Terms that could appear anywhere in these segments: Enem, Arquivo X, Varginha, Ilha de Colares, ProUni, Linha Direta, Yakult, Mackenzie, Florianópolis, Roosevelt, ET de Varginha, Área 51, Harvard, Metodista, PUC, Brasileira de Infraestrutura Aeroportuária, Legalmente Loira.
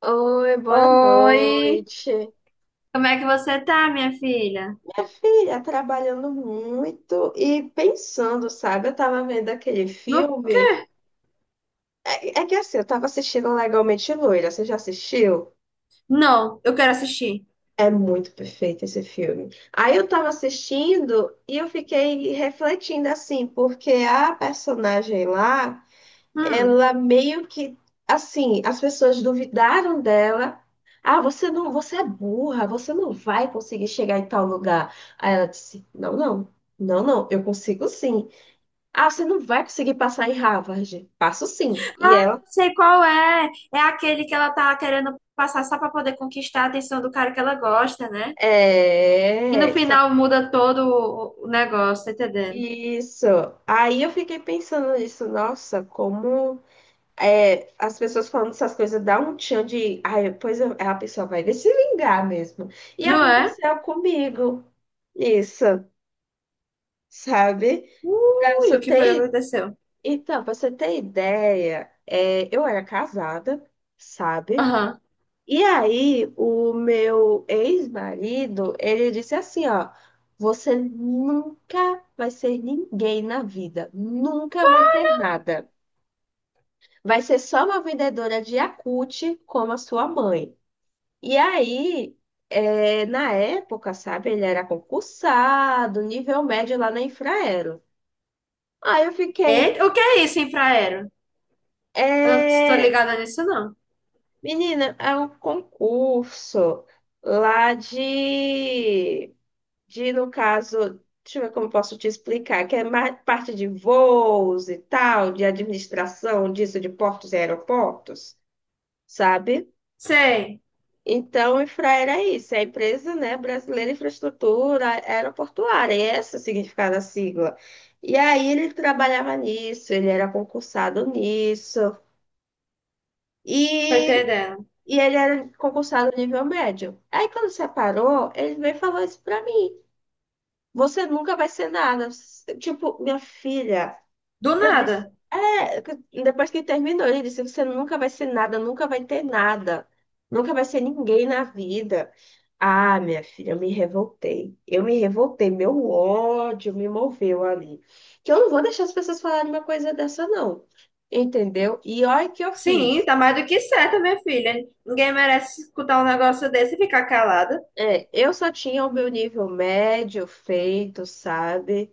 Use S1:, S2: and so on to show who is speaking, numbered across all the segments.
S1: Oi, boa
S2: Oi,
S1: noite.
S2: como é que você tá, minha filha?
S1: Minha filha, trabalhando muito e pensando, sabe? Eu tava vendo aquele
S2: No
S1: filme.
S2: quê?
S1: É que assim, eu tava assistindo Legalmente Loira. Você já assistiu?
S2: Não, eu quero assistir.
S1: É muito perfeito esse filme. Aí eu tava assistindo e eu fiquei refletindo assim, porque a personagem lá,
S2: Hum.
S1: ela meio que, assim, as pessoas duvidaram dela. Ah, você não, você é burra, você não vai conseguir chegar em tal lugar. Aí ela disse: Não, não, não, não, eu consigo sim. Ah, você não vai conseguir passar em Harvard. Passo sim. E
S2: Ah,
S1: ela,
S2: eu sei qual é. É aquele que ela tá querendo passar só pra poder conquistar a atenção do cara que ela gosta, né? E no
S1: é, só-
S2: final muda todo o negócio, tá entendendo?
S1: isso. Aí eu fiquei pensando nisso, nossa, como, as pessoas falando essas coisas dá um tchan de. Ai, a pessoa vai se vingar mesmo. E
S2: Não é?
S1: aconteceu comigo isso, sabe? Pra
S2: Ui,
S1: você
S2: o que foi que
S1: ter,
S2: aconteceu?
S1: pra você ter ideia, eu era casada, sabe?
S2: Aham.
S1: E aí o meu ex-marido, ele disse assim, ó: você nunca vai ser ninguém na vida, nunca vai ter nada. Vai ser só uma vendedora de Yakult como a sua mãe. E aí, na época, sabe, ele era concursado, nível médio lá na Infraero. Aí eu fiquei,
S2: Eita, o que é isso, infraero? Eu não tô
S1: é,
S2: ligada nisso, não.
S1: menina, é um concurso lá de, no caso, deixa eu ver como eu posso te explicar, que é mais parte de voos e tal, de administração disso, de portos e aeroportos, sabe?
S2: Sei,
S1: Então, a Infra era isso, é a empresa, né, Brasileira de Infraestrutura Aeroportuária, e esse é o significado da sigla. E aí ele trabalhava nisso, ele era concursado nisso,
S2: tô
S1: e,
S2: entendendo.
S1: e ele era concursado nível médio. Aí quando separou, ele veio e falou isso pra mim. Você nunca vai ser nada. Tipo, minha filha,
S2: Do
S1: eu disse,
S2: nada.
S1: é, que- depois que terminou, ele disse, você nunca vai ser nada, nunca vai ter nada, nunca vai ser ninguém na vida. Ah, minha filha, eu me revoltei. Eu me revoltei, meu ódio me moveu ali. Que eu não vou deixar as pessoas falarem uma coisa dessa, não. Entendeu? E olha o que eu
S2: Sim,
S1: fiz.
S2: tá mais do que certo, minha filha. Ninguém merece escutar um negócio desse e ficar calada.
S1: É, eu só tinha o meu nível médio feito, sabe?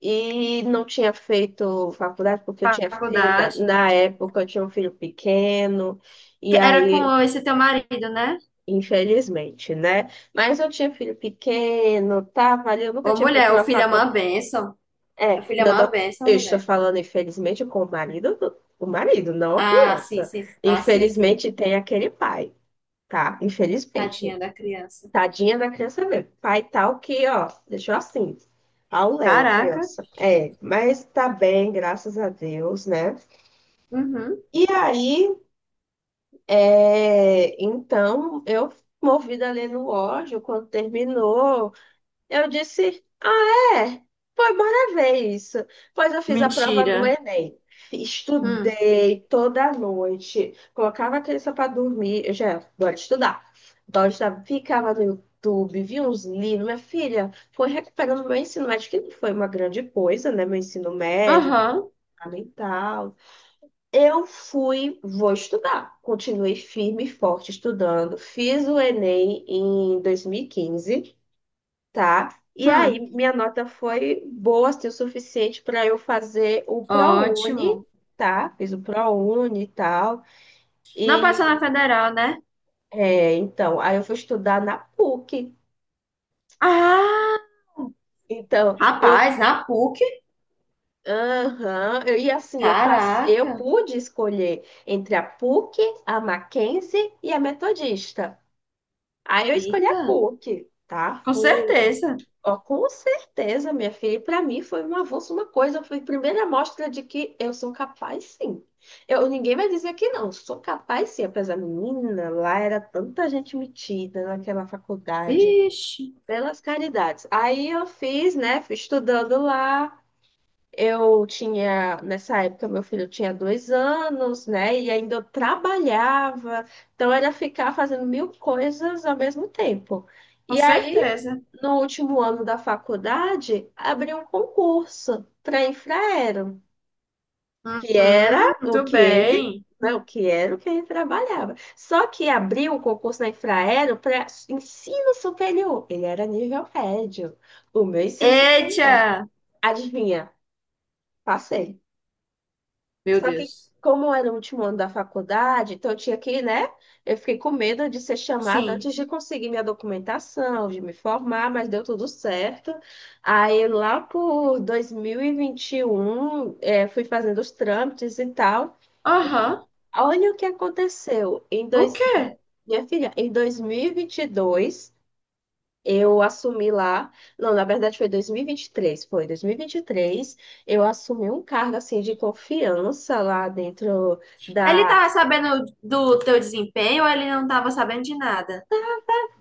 S1: E não tinha feito faculdade porque eu tinha filho, na,
S2: Faculdade.
S1: na época eu tinha um filho pequeno, e
S2: Que era
S1: aí,
S2: com esse teu marido, né?
S1: infelizmente, né? Mas eu tinha filho pequeno, tava ali, eu nunca
S2: Ô,
S1: tinha
S2: mulher,
S1: feito
S2: o
S1: uma
S2: filho é uma
S1: faculdade.
S2: bênção.
S1: É,
S2: O filho é
S1: não,
S2: uma bênção,
S1: eu estou
S2: mulher.
S1: falando, infelizmente, com o marido, o marido, não a
S2: Ah, sim,
S1: criança.
S2: sim. Ah, sim, sim.
S1: Infelizmente, tem aquele pai, tá?
S2: Tadinha
S1: Infelizmente.
S2: da criança.
S1: Tadinha da criança mesmo. Pai tal que, ó, deixou assim. Ao Léo, a
S2: Caraca.
S1: criança. É, mas tá bem, graças a Deus, né?
S2: Uhum.
S1: E aí, então, eu movida ali no ódio, quando terminou, eu disse, ah, é? Pois bora ver isso. Pois eu fiz a prova do
S2: Mentira.
S1: Enem.
S2: Hum.
S1: Estudei toda noite. Colocava a criança para dormir. Eu já, bora estudar. Então, eu já ficava no YouTube, via uns livros. Minha filha, foi recuperando meu ensino médio, que não foi uma grande coisa, né? Meu ensino médio,
S2: Aham.
S1: fundamental. Eu fui, vou estudar. Continuei firme e forte estudando. Fiz o Enem em 2015, tá? E aí,
S2: Hum.
S1: minha nota foi boa, assim, o suficiente para eu fazer o ProUni,
S2: Ótimo.
S1: tá? Fiz o ProUni e tal.
S2: Não passou na
S1: E,
S2: federal, né?
S1: então, aí eu fui estudar na PUC.
S2: Ah,
S1: Então, eu,
S2: rapaz, na PUC?
S1: aham, eu, e assim, eu, passe, eu
S2: Caraca.
S1: pude escolher entre a PUC, a Mackenzie e a Metodista. Aí eu escolhi a
S2: Eita.
S1: PUC, tá?
S2: Com
S1: Fui
S2: certeza.
S1: Ó, com certeza, minha filha. E para mim foi um avanço, uma coisa. Foi a primeira mostra de que eu sou capaz, sim. Eu, ninguém vai dizer que não. Sou capaz, sim. Apesar, menina, lá era tanta gente metida naquela faculdade.
S2: Vixe,
S1: Pelas caridades. Aí eu fiz, né? Fui estudando lá. Eu tinha, nessa época, meu filho tinha 2 anos, né? E ainda eu trabalhava, então era ficar fazendo mil coisas ao mesmo tempo.
S2: com
S1: E aí,
S2: certeza.
S1: no último ano da faculdade, abri um concurso para Infraero, que era
S2: Uhum,
S1: o
S2: muito
S1: que ele,
S2: bem.
S1: né? O que era o que ele trabalhava. Só que abriu um concurso na Infraero para ensino superior. Ele era nível médio, o meu ensino
S2: Eita!
S1: superior. Adivinha? Passei.
S2: Meu
S1: Só que,
S2: Deus.
S1: como era o último ano da faculdade, então eu tinha que, né? Eu fiquei com medo de ser chamada antes
S2: Sim.
S1: de conseguir minha documentação, de me formar, mas deu tudo certo. Aí, lá por 2021, fui fazendo os trâmites e tal. E
S2: Aham.
S1: olha o que aconteceu.
S2: O quê?
S1: Minha filha, em 2022. Eu assumi lá, não, na verdade foi 2023, foi 2023, eu assumi um cargo assim de confiança lá dentro
S2: Ele
S1: da.
S2: tava sabendo do teu desempenho ou ele não tava sabendo de nada?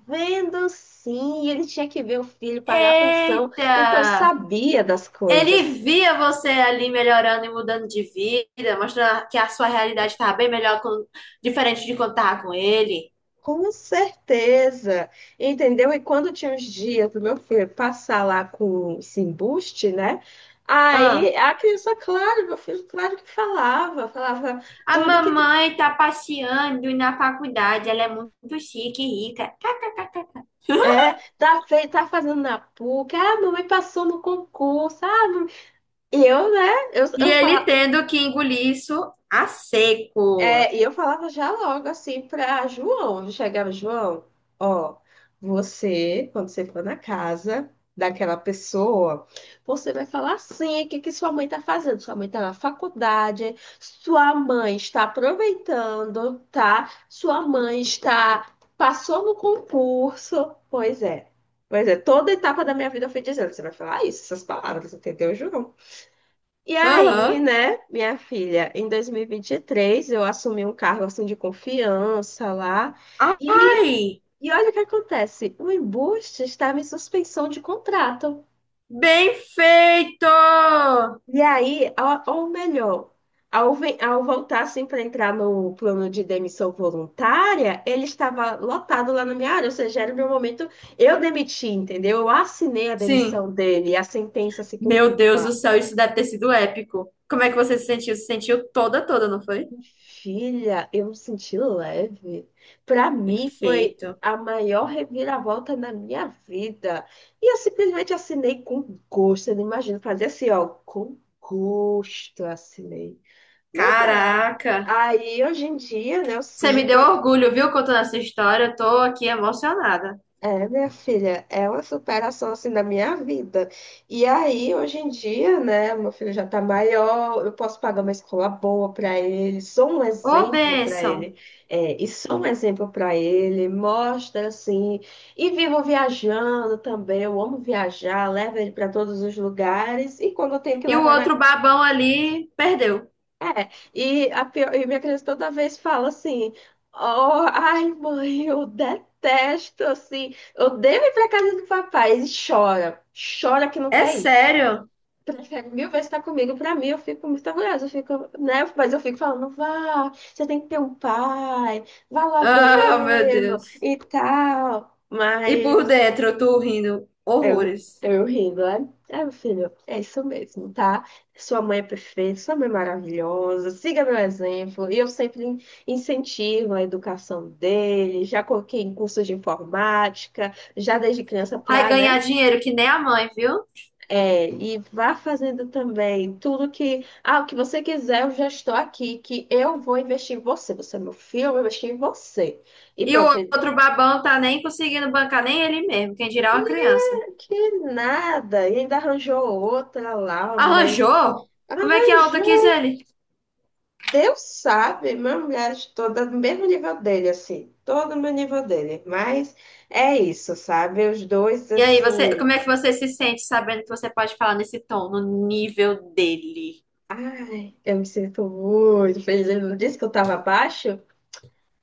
S1: Vendo sim, ele tinha que ver o filho pagar a pensão, então
S2: Eita!
S1: sabia das
S2: Ele
S1: coisas.
S2: via você ali melhorando e mudando de vida, mostrando que a sua realidade estava bem melhor, com- diferente de quando estava com ele.
S1: Com certeza, entendeu? E quando tinha uns dias do meu filho passar lá com esse embuste, né? Aí
S2: Ah,
S1: a criança, claro, meu filho, claro que falava, falava
S2: a
S1: tudo que.
S2: mamãe tá passeando na faculdade, ela é muito chique e rica.
S1: É, tá, tá fazendo na PUC, ah, mamãe passou no concurso, ah, e eu, né, eu,
S2: E
S1: eu
S2: ele
S1: falava.
S2: tendo que engolir isso a seco.
S1: É, e eu falava já logo assim para João. Eu chegava, João, ó, você, quando você for na casa daquela pessoa, você vai falar assim: o que que sua mãe tá fazendo? Sua mãe tá na faculdade, sua mãe está aproveitando, tá? Sua mãe está, passou no concurso. Pois é. Pois é, toda etapa da minha vida eu fui dizendo, você vai falar isso, essas palavras, entendeu, João? E aí,
S2: Aham.
S1: né, minha filha, em 2023 eu assumi um cargo assim de confiança lá, e,
S2: Ai,
S1: e olha o que acontece, o embuste estava em suspensão de contrato.
S2: bem feito!
S1: E aí, ou melhor, ao voltar assim para entrar no plano de demissão voluntária, ele estava lotado lá na minha área, ou seja, era o meu momento, eu demiti, entendeu? Eu assinei a
S2: Sim.
S1: demissão dele, a sentença se
S2: Meu
S1: cumpriu.
S2: Deus do céu, isso deve ter sido épico. Como é que você se sentiu? Se sentiu toda, toda, não foi?
S1: Filha, eu me senti leve. Para mim foi
S2: Perfeito.
S1: a maior reviravolta na minha vida. E eu simplesmente assinei com gosto. Eu não imagino fazer assim, ó, com gosto eu assinei. Mas é.
S2: Caraca.
S1: Aí hoje em dia, né, eu
S2: Você me
S1: sigo.
S2: deu orgulho, viu, contando essa história. Eu tô aqui emocionada.
S1: É, minha filha, é uma superação assim da minha vida. E aí, hoje em dia, né, meu filho já tá maior, eu posso pagar uma escola boa para ele, sou um
S2: Ô,
S1: exemplo para
S2: bênção.
S1: ele, e sou um exemplo para ele, mostra assim, e vivo viajando também, eu amo viajar, levo ele para todos os lugares, e quando eu tenho que
S2: E o
S1: levar na.
S2: outro babão ali perdeu.
S1: É, e, a pior, e minha criança toda vez fala assim: oh, ai, mãe, eu detesto, assim, eu devo ir pra casa do papai. E chora, chora que não
S2: É
S1: quer ir.
S2: sério?
S1: Prefere mil vezes estar comigo. Pra mim, eu fico muito orgulhosa, eu fico, né? Mas eu fico falando: vá, você tem que ter um pai, vá lá
S2: Ah, meu
S1: vê-lo
S2: Deus.
S1: e tal.
S2: E por
S1: Mas
S2: dentro, eu tô rindo
S1: eu,
S2: horrores.
S1: eu rindo, né? É, meu filho, é isso mesmo, tá? Sua mãe é perfeita, sua mãe é maravilhosa, siga meu exemplo. E eu sempre incentivo a educação dele, já coloquei em cursos de informática, já desde criança
S2: Vai
S1: pra, né?
S2: ganhar dinheiro que nem a mãe, viu?
S1: É, e vá fazendo também tudo que, ah, o que você quiser, eu já estou aqui, que eu vou investir em você. Você é meu filho, eu vou investir em você. E
S2: E o
S1: pronto, ele,
S2: outro babão tá nem conseguindo bancar nem ele mesmo, quem dirá uma criança.
S1: que nada, e ainda arranjou outra lá, uma mulher.
S2: Arranjou? Como é que a outra quis
S1: Arranjou.
S2: ele?
S1: Deus sabe, minha mulher estou no mesmo nível dele, assim, todo meu nível dele. Mas é isso, sabe? Os dois,
S2: E aí, você,
S1: assim,
S2: como é que você se sente sabendo que você pode falar nesse tom, no nível dele?
S1: ai, eu me sinto muito feliz. Ele não disse que eu estava abaixo?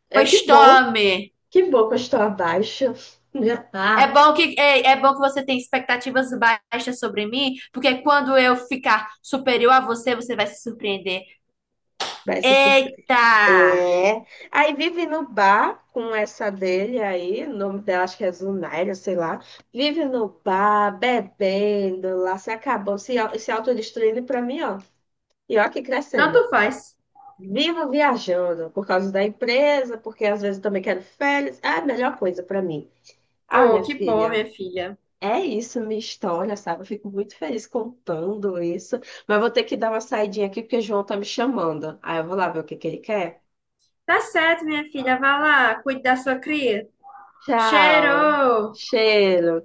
S1: É
S2: Pois
S1: que bom,
S2: tome!
S1: que bom que eu estou abaixo.
S2: É
S1: Ah,
S2: bom que, é bom que você tem expectativas baixas sobre mim, porque quando eu ficar superior a você, você vai se surpreender.
S1: vai se sur-.
S2: Eita!
S1: É. Aí vive no bar com essa dele aí, o nome dela acho que é Zunaira, sei lá. Vive no bar, bebendo lá, se acabou, se, se autodestruindo pra mim, ó. E ó que crescendo.
S2: Tanto faz.
S1: Vivo viajando por causa da empresa, porque às vezes eu também quero férias. É a melhor coisa para mim. Ah,
S2: Oh,
S1: minha
S2: que bom,
S1: filha,
S2: minha filha.
S1: é isso, minha história, sabe? Eu fico muito feliz contando isso. Mas vou ter que dar uma saidinha aqui porque o João tá me chamando. Aí eu vou lá ver o que que ele quer.
S2: Tá certo, minha filha. Vá lá, cuide da sua cria.
S1: Tchau.
S2: Cheiro!
S1: Cheiro.